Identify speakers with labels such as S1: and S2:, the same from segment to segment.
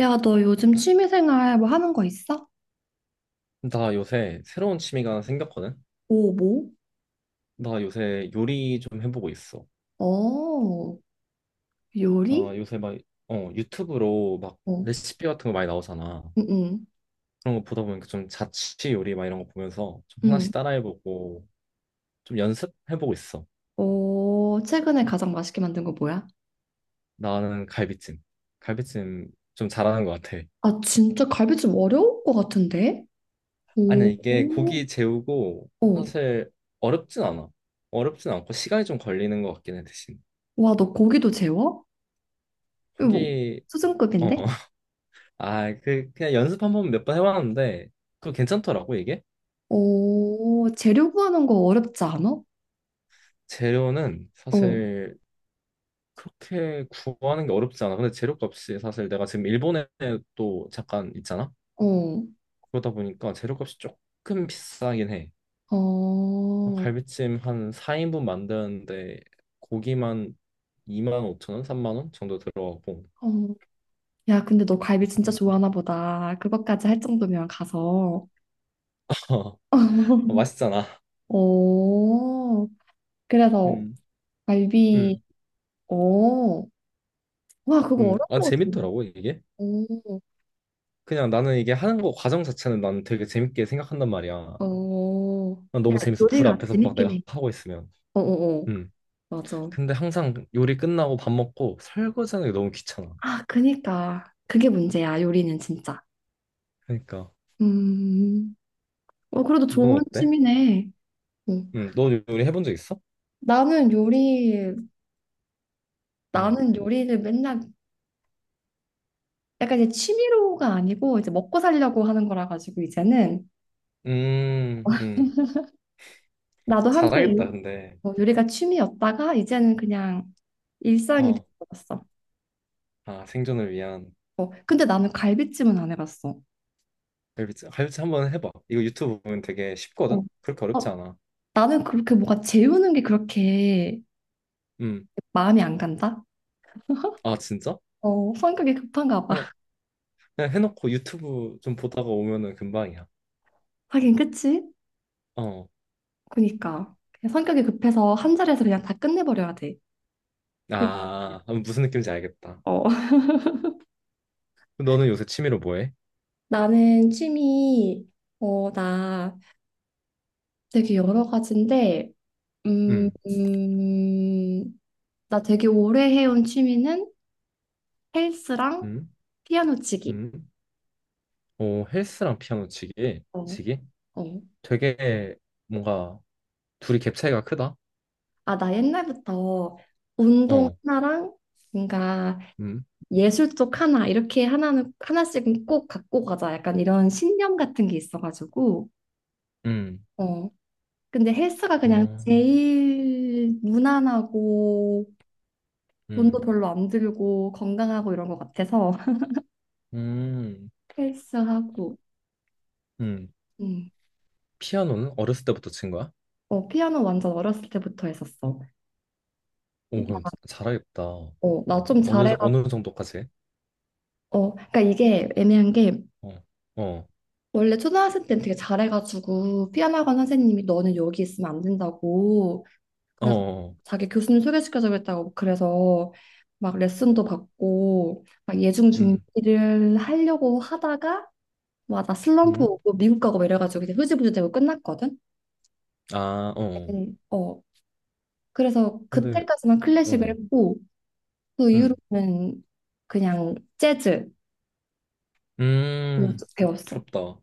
S1: 야, 너 요즘 취미생활 뭐 하는 거 있어?
S2: 나 요새 새로운 취미가 하나 생겼거든?
S1: 오, 뭐?
S2: 나 요새 요리 좀 해보고 있어.
S1: 어, 요리?
S2: 나 요새 막, 유튜브로 막
S1: 어,
S2: 레시피 같은 거 많이 나오잖아.
S1: 응, 응,
S2: 그런 거 보다 보니까 좀 자취 요리 막 이런 거 보면서 좀
S1: 응.
S2: 하나씩 따라해보고 좀 연습해보고 있어.
S1: 어, 최근에 가장 맛있게 만든 거 뭐야?
S2: 나는 갈비찜. 갈비찜 좀 잘하는 것 같아.
S1: 아, 진짜 갈비찜 어려울 것 같은데?
S2: 아니,
S1: 오,
S2: 이게
S1: 오.
S2: 고기 재우고
S1: 어.
S2: 사실 어렵진 않아. 어렵진 않고 시간이 좀 걸리는 것 같긴 해, 대신.
S1: 와, 너 고기도 재워? 이거 뭐,
S2: 고기, 어.
S1: 수준급인데?
S2: 아, 그, 그냥 연습 한 번 몇 번 해봤는데, 그거 괜찮더라고, 이게?
S1: 오, 재료 구하는 거 어렵지 않아?
S2: 재료는
S1: 어,
S2: 사실 그렇게 구하는 게 어렵지 않아. 근데 재료값이 사실 내가 지금 일본에 또 잠깐 있잖아?
S1: 어,
S2: 그러다 보니까 재료값이 조금 비싸긴 해. 어,
S1: 어,
S2: 갈비찜 한 4인분 만드는데 고기만 2만 5천 원, 3만 원 정도 들어가고.
S1: 어. 야, 근데 너 갈비 진짜 좋아하나 보다. 그것까지 할 정도면 가서.
S2: 어, 맛있잖아.
S1: 오, 그래서
S2: 음,
S1: 갈비,
S2: 음,
S1: 오, 와, 그거 어려운
S2: 아,
S1: 것 같은데.
S2: 재밌더라고, 이게.
S1: 오,
S2: 그냥 나는 이게 하는 거 과정 자체는 나는 되게 재밌게 생각한단 말이야.
S1: 오,
S2: 난
S1: 야,
S2: 너무 재밌어. 불
S1: 요리가
S2: 앞에서 막
S1: 재밌긴
S2: 내가
S1: 해.
S2: 하고 있으면.
S1: 오, 오, 오,
S2: 음.
S1: 맞아.
S2: 근데 항상 요리 끝나고 밥 먹고 설거지하는 게 너무 귀찮아.
S1: 아, 그니까. 그게 문제야, 요리는 진짜.
S2: 그러니까
S1: 음, 어, 그래도
S2: 너는
S1: 좋은
S2: 어때?
S1: 취미네. 음.
S2: 음. 너 요리 해본 적 있어?
S1: 나는 요리,
S2: 음.
S1: 나는 요리를 맨날 약간 이제 취미로가 아니고 이제 먹고 살려고 하는 거라 가지고 이제는
S2: 음. 음.
S1: 나도 한때 요-
S2: 잘하겠다. 근데
S1: 어, 요리가 취미였다가 이제는 그냥 일상이
S2: 어.
S1: 되어버렸어.
S2: 아, 생존을 위한
S1: 어, 근데 나는 갈비찜은 안 해봤어.
S2: 갈비찜. 갈비찜 한번 해봐. 이거 유튜브 보면 되게
S1: 어,
S2: 쉽거든. 그렇게 어렵지
S1: 어,
S2: 않아.
S1: 나는 그렇게 뭐가 재우는 게 그렇게
S2: 음.
S1: 마음이 안 간다?
S2: 아, 진짜?
S1: 어, 성격이 급한가 봐.
S2: 그냥, 그냥 해놓고 유튜브 좀 보다가 오면은 금방이야.
S1: 하긴, 그치?
S2: 어.
S1: 그니까. 그냥 성격이 급해서 한 자리에서 그냥 다 끝내버려야 돼. 그-
S2: 아, 무슨 느낌인지 알겠다.
S1: 어.
S2: 너는 요새 취미로 뭐 해?
S1: 나는 취미, 어, 나 되게 여러 가지인데, 음,
S2: 음.
S1: 음, 나 되게 오래 해온 취미는 헬스랑
S2: 음.
S1: 피아노 치기.
S2: 음. 어, 헬스랑 피아노 치기,
S1: 어,
S2: 치기?
S1: 어.
S2: 되게 뭔가 둘이 갭 차이가 크다.
S1: 아, 나 옛날부터 운동
S2: 어,
S1: 하나랑 뭔가
S2: 음,
S1: 예술 쪽 하나 이렇게 하나는 하나씩은 꼭 갖고 가자 약간 이런 신념 같은 게 있어가지고
S2: 음,
S1: 어 근데 헬스가 그냥
S2: 어,
S1: 제일 무난하고 돈도
S2: 음,
S1: 별로 안 들고 건강하고 이런 것 같아서
S2: 음,
S1: 헬스하고
S2: 음.
S1: 음.
S2: 피아노는 어렸을 때부터 친 거야?
S1: 어 피아노 완전 어렸을 때부터 했었어.
S2: 오, 그럼
S1: 나,
S2: 잘하겠다.
S1: 어, 나
S2: 뭐
S1: 좀 잘해가
S2: 어느 정도까지?
S1: 어 그러니까 이게 애매한 게
S2: 어, 어,
S1: 원래 초등학생 때는 되게 잘해가지고 피아노 학원 선생님이 너는 여기 있으면 안 된다고
S2: 어,
S1: 그래
S2: 어,
S1: 자기 교수님 소개시켜주그랬다고 그래서 막 레슨도 받고 막 예중
S2: 음,
S1: 준비를 하려고 하다가 와 나 슬럼프
S2: 음,
S1: 오고 미국 가고 막 이래가지고 이제 흐지부지 되고 끝났거든.
S2: 아, 어. 어.
S1: 어 그래서
S2: 근데,
S1: 그때까지만 클래식을
S2: 어,
S1: 했고 그
S2: 음,
S1: 이후로는 그냥 재즈
S2: 음,
S1: 배웠어.
S2: 부럽다.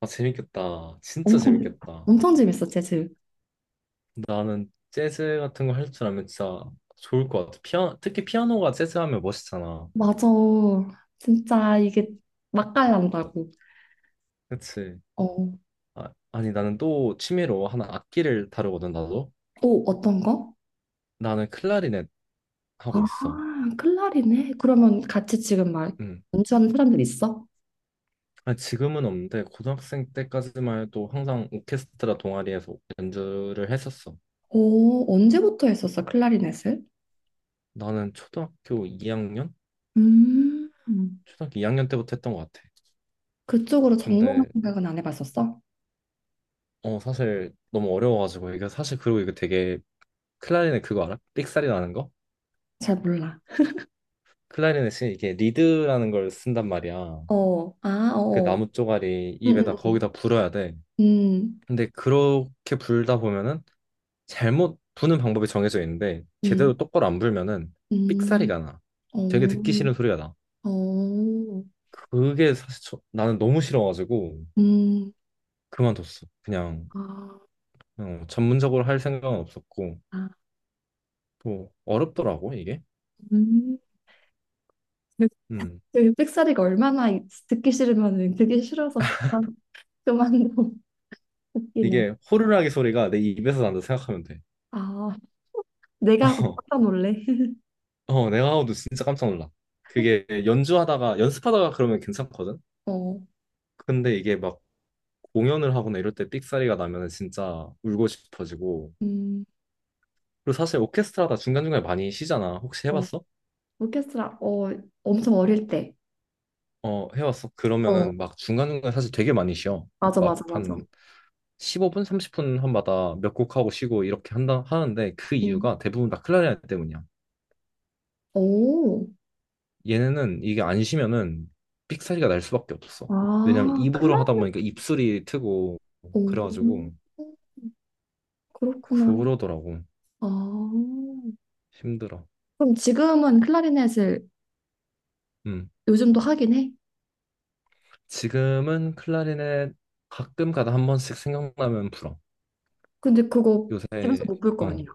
S2: 아, 재밌겠다. 진짜
S1: 엄청 재밌-
S2: 재밌겠다.
S1: 엄청 재밌어 재즈.
S2: 나는 재즈 같은 거 할 줄 알면 진짜 좋을 것 같아. 피아, 특히 피아노가 재즈 하면 멋있잖아.
S1: 맞아. 진짜 이게 맛깔난다고.
S2: 그치?
S1: 어.
S2: 아, 아니, 나는 또 취미로 하나 악기를 다루거든, 나도.
S1: 오, 어떤 거?
S2: 나는 클라리넷 하고
S1: 아,
S2: 있어.
S1: 클라리넷? 그러면 같이 지금 막
S2: 음.
S1: 연주하는 사람들 있어?
S2: 아니, 지금은 없는데, 고등학생 때까지만 해도 항상 오케스트라 동아리에서 연주를 했었어.
S1: 오, 언제부터 했었어, 클라리넷을?
S2: 나는 초등학교 2학년?
S1: 음,
S2: 초등학교 2학년 때부터 했던 것 같아.
S1: 그쪽으로 전공할
S2: 근데,
S1: 생각은 안 해봤었어?
S2: 어, 사실 너무 어려워가지고, 이게 사실 그리고 이거 되게 클라리넷 그거 알아? 삑사리 나는 거?
S1: 잘 몰라.
S2: 클라리넷이 이게 리드라는 걸 쓴단 말이야.
S1: 어, 아, 어.
S2: 그
S1: 어.
S2: 나무 쪼가리
S1: 음,
S2: 입에다 거기다 불어야 돼.
S1: 음,
S2: 근데 그렇게 불다 보면은 잘못 부는 방법이 정해져 있는데 제대로
S1: 음,
S2: 똑바로 안 불면은
S1: 음,
S2: 삑사리가 나. 되게
S1: 음,
S2: 듣기
S1: 음.
S2: 싫은 소리가 나.
S1: 어, 어,
S2: 그게 사실 나는 너무 싫어가지고
S1: 음,
S2: 그만뒀어. 그냥
S1: 아,
S2: 어, 전문적으로 할 생각은 없었고
S1: 아,
S2: 또 어렵더라고 이게.
S1: 음. 그,
S2: 음.
S1: 그 삑사리가 얼마나 듣기 싫으면은 듣기 싫어서 그만도 웃기네.
S2: 이게 호루라기 소리가 내 입에서 난다 생각하면 돼.
S1: 아 내가 어떤 원래?
S2: 어, 레아하우드 진짜 깜짝 놀라. 그게 연주하다가 연습하다가 그러면 괜찮거든.
S1: 어,
S2: 근데 이게 막 공연을 하거나 이럴 때 삑사리가 나면 진짜 울고 싶어지고.
S1: 음,
S2: 그리고 사실 오케스트라다 중간중간에 많이 쉬잖아. 혹시
S1: 어
S2: 해봤어?
S1: 오케스트라 어 엄청 어릴 때.
S2: 어, 해봤어.
S1: 어
S2: 그러면은 막 중간중간에 사실 되게 많이 쉬어.
S1: 맞아
S2: 막
S1: 맞아 맞아.
S2: 한 15분, 30분 한마다 몇 곡 하고 쉬고 이렇게 한다 하는데 그
S1: 음.
S2: 이유가 대부분 다 클라리넷 때문이야.
S1: 오,
S2: 얘네는 이게 안 쉬면은 삑사리가 날 수밖에 없어. 왜냐면
S1: 아
S2: 입으로 하다
S1: 클라리넷.
S2: 보니까 입술이 트고
S1: 오,
S2: 그래가지고
S1: 그렇구나.
S2: 그러더라고.
S1: 아
S2: 힘들어.
S1: 그럼 지금은 클라리넷을
S2: 음.
S1: 요즘도 하긴 해?
S2: 지금은 클라리넷 가끔 가다 한 번씩 생각나면 불어.
S1: 근데 그거 집에서
S2: 요새
S1: 못 볼 거
S2: 어
S1: 아니야?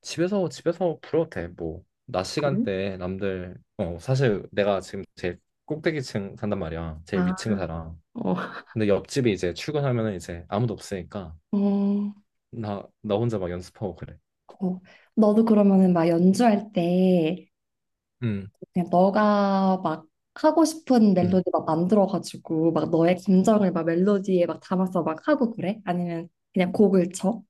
S2: 집에서 불어도 돼. 뭐 낮 시간
S1: 그래?
S2: 대 남들 어 사실 내가 지금 제일 꼭대기층 산단 말이야. 제일
S1: 아,
S2: 위층 살아.
S1: 어.
S2: 근데 옆집이 이제 출근하면은 이제 아무도 없으니까
S1: 어.
S2: 나 혼자 막 연습하고 그래.
S1: 어, 너도 그러면은 막 연주할 때
S2: 음.
S1: 그냥 너가 막 하고 싶은
S2: 음.
S1: 멜로디 막 만들어가지고 막 너의 감정을 막 멜로디에 막 담아서 막 하고 그래? 아니면 그냥 곡을 쳐?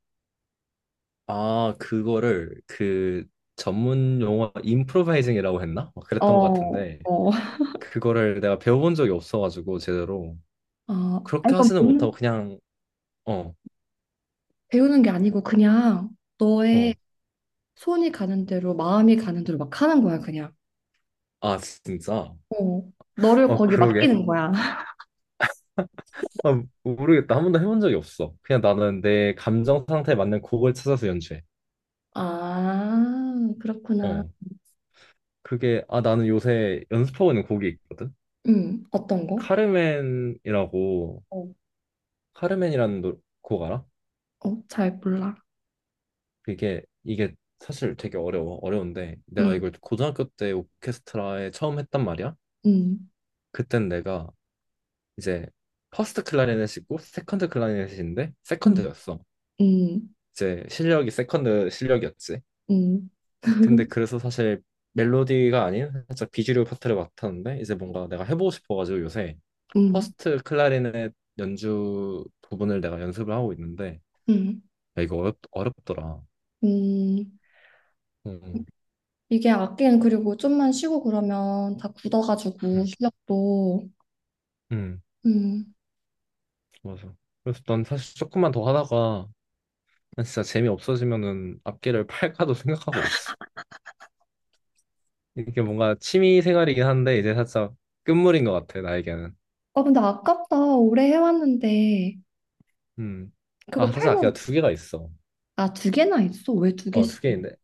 S2: 아, 그거를 그 전문 용어 임프로바이징이라고 했나? 막 그랬던 것
S1: 어,
S2: 같은데
S1: 어.
S2: 그거를 내가 배워본 적이 없어가지고 제대로
S1: 아, 아니
S2: 그렇게
S1: 그건
S2: 하지는 못하고
S1: 배우는,
S2: 그냥 어,
S1: 배우는 게 아니고 그냥 너의
S2: 어,
S1: 손이 가는 대로 마음이 가는 대로 막 하는 거야 그냥.
S2: 아 진짜?
S1: 어, 너를
S2: 어
S1: 거기
S2: 그러게?
S1: 맡기는 거야.
S2: 아 모르겠다 한 번도 해본 적이 없어 그냥 나는 내 감정 상태에 맞는 곡을 찾아서 연주해
S1: 아, 그렇구나.
S2: 어 그게 아 나는 요새 연습하고 있는 곡이 있거든
S1: 어떤 거?
S2: 카르멘이라고
S1: 어,
S2: 카르멘이라는 곡 알아?
S1: 어, 잘 몰라.
S2: 이게 사실 되게 어려워 어려운데
S1: 음,
S2: 내가 이걸 고등학교 때 오케스트라에 처음 했단 말이야.
S1: 음.
S2: 그땐 내가 이제 퍼스트 클라리넷이고 세컨드 클라리넷인데
S1: 음.
S2: 세컨드였어.
S1: 음,
S2: 이제 실력이 세컨드 실력이었지.
S1: 음,
S2: 근데 그래서 사실 멜로디가 아닌 살짝 비주류 파트를 맡았는데 이제 뭔가 내가 해보고 싶어가지고 요새
S1: 음,
S2: 퍼스트 클라리넷 연주 부분을 내가 연습을 하고 있는데
S1: 음.
S2: 야, 이거 어렵더라.
S1: 음, 음.
S2: 음,
S1: 이게 악기는 그리고 좀만 쉬고 그러면 다 굳어가지고
S2: 음,
S1: 실력도.
S2: 음.
S1: 음.
S2: 맞아. 그래서 난 사실 조금만 더 하다가 난 진짜 재미 없어지면은 악기를 팔까도 생각하고 있어. 이게 뭔가 취미 생활이긴 한데 이제 살짝 끝물인 것 같아 나에게는.
S1: 아, 근데 아깝다. 오래 해왔는데.
S2: 음.
S1: 그거
S2: 아 사실 악기가
S1: 팔면,
S2: 두 개가 있어.
S1: 아, 두 개나 있어? 왜 두
S2: 어
S1: 개씩?
S2: 두 개인데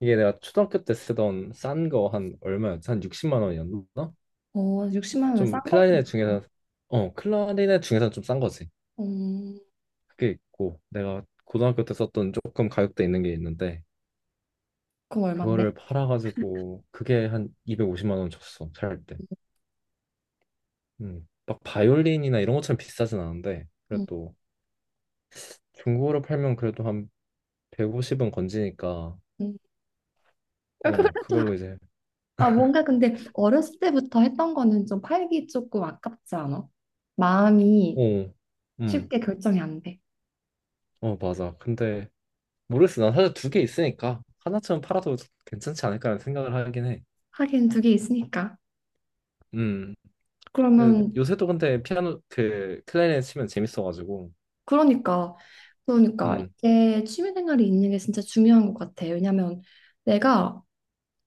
S2: 이게 내가 초등학교 때 쓰던 싼 거 한 얼마였지? 한 60만 원이었나?
S1: 어, 60만 원면 싼
S2: 좀
S1: 거구나.
S2: 클라리넷 중에서 어 클라리넷 중에서 좀 싼 거지.
S1: 음,
S2: 그게 있고 내가 고등학교 때 썼던 조금 가격대 있는 게 있는데
S1: 그럼 얼만데?
S2: 그거를 팔아가지고 그게 한 250만 원 줬어 살 때. 막 바이올린이나 이런 것처럼 비싸진 않은데
S1: 음,
S2: 그래도 중고로 팔면 그래도 한 150은 건지니까
S1: 음. 아,
S2: 어
S1: 그래도,
S2: 그걸로 이제
S1: 아, 뭔가 근데 어렸을 때부터 했던 거는 좀 팔기 조금 아깝지 않아? 마음이
S2: 어, 음,
S1: 쉽게 결정이 안 돼.
S2: 어 맞아. 근데 모르겠어. 난 사실 두 개 있으니까 하나쯤 팔아도 괜찮지 않을까라는 생각을 하긴 해.
S1: 하긴 두 개 있으니까.
S2: 음, 그
S1: 그러면
S2: 요새도 근데 피아노 그 클라리넷 치면 재밌어가지고
S1: 그러니까, 그러니까
S2: 음,
S1: 이게 취미생활이 있는 게 진짜 중요한 것 같아. 왜냐면 내가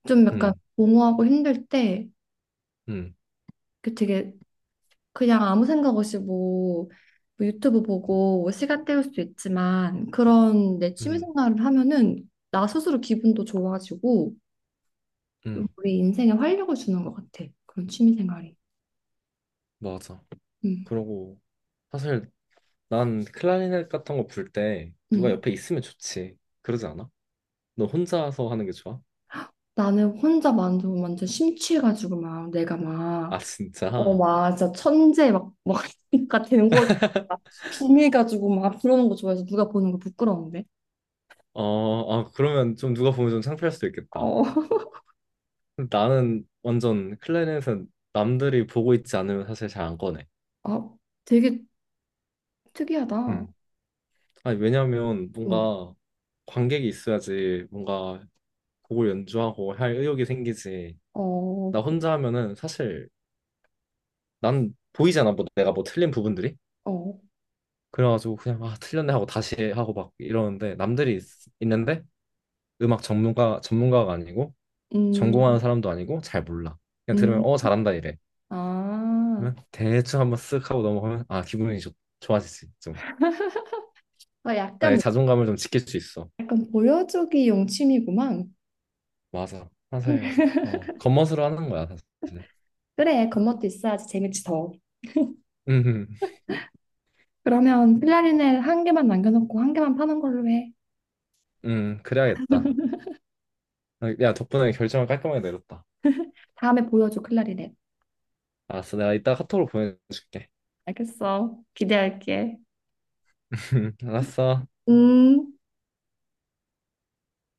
S1: 좀 약간
S2: 음,
S1: 공허하고 힘들 때
S2: 음,
S1: 그 되게 그냥 아무 생각 없이 뭐, 뭐 유튜브 보고 뭐 시간 때울 수도 있지만 그런 내
S2: 음,
S1: 취미생활을 하면은 나 스스로 기분도 좋아지고 좀
S2: 음,
S1: 우리 인생에 활력을 주는 것 같아. 그런 취미생활이.
S2: 맞아.
S1: 음,
S2: 그러고 사실 난 클라리넷 같은 거 불 때 누가
S1: 음.
S2: 옆에 있으면 좋지. 그러지 않아? 너 혼자서 하는 게 좋아?
S1: 나는 혼자 완전 완전 심취해가지고 막 내가 막
S2: 아,
S1: 어,
S2: 진짜?
S1: 맞아. 천재 막, 그러니까 되는 거, 막 비밀가지고 막 그러는 거 좋아해서 누가 보는 거 부끄러운데.
S2: 어, 아, 그러면 좀 누가 보면 좀 창피할 수도 있겠다.
S1: 어,
S2: 나는 완전 클라리넷은 남들이 보고 있지 않으면 사실 잘 안 꺼내.
S1: 아, 되게 특이하다.
S2: 음. 아니, 왜냐면
S1: 응.
S2: 뭔가 관객이 있어야지 뭔가 곡을 연주하고 할 의욕이 생기지.
S1: 어,
S2: 나
S1: 그,
S2: 혼자 하면은 사실 난 보이잖아. 뭐 내가 뭐 틀린 부분들이.
S1: 어,
S2: 그래가지고 그냥 아, 틀렸네 하고 다시 하고 막 이러는데 남들이 있, 는데 음악 전문가가 아니고 전공하는
S1: 음,
S2: 사람도 아니고 잘 몰라. 그냥 들으면
S1: 음,
S2: 어 잘한다 이래.
S1: 아,
S2: 그러면 대충 한번 쓱 하고 넘어가면 아 기분이 좋아지지 좀.
S1: 아,
S2: 나의
S1: 약간,
S2: 자존감을 좀 지킬 수 있어.
S1: 약간 보여주기용 취미구만.
S2: 맞아. 사실 어 겉멋으로 하는 거야 사실.
S1: 그래, 겉멋도 있어야지 재밌지 더.
S2: 음,
S1: 그러면 클라리넷 한 개만 남겨놓고 한 개만 파는 걸로 해.
S2: 그래야겠다. 야 덕분에 결정을 깔끔하게 내렸다.
S1: 다음에 보여줘, 클라리넷.
S2: 알았어 내가 이따 카톡으로 보내줄게.
S1: 알겠어. 기대할게.
S2: 알았어.
S1: 음.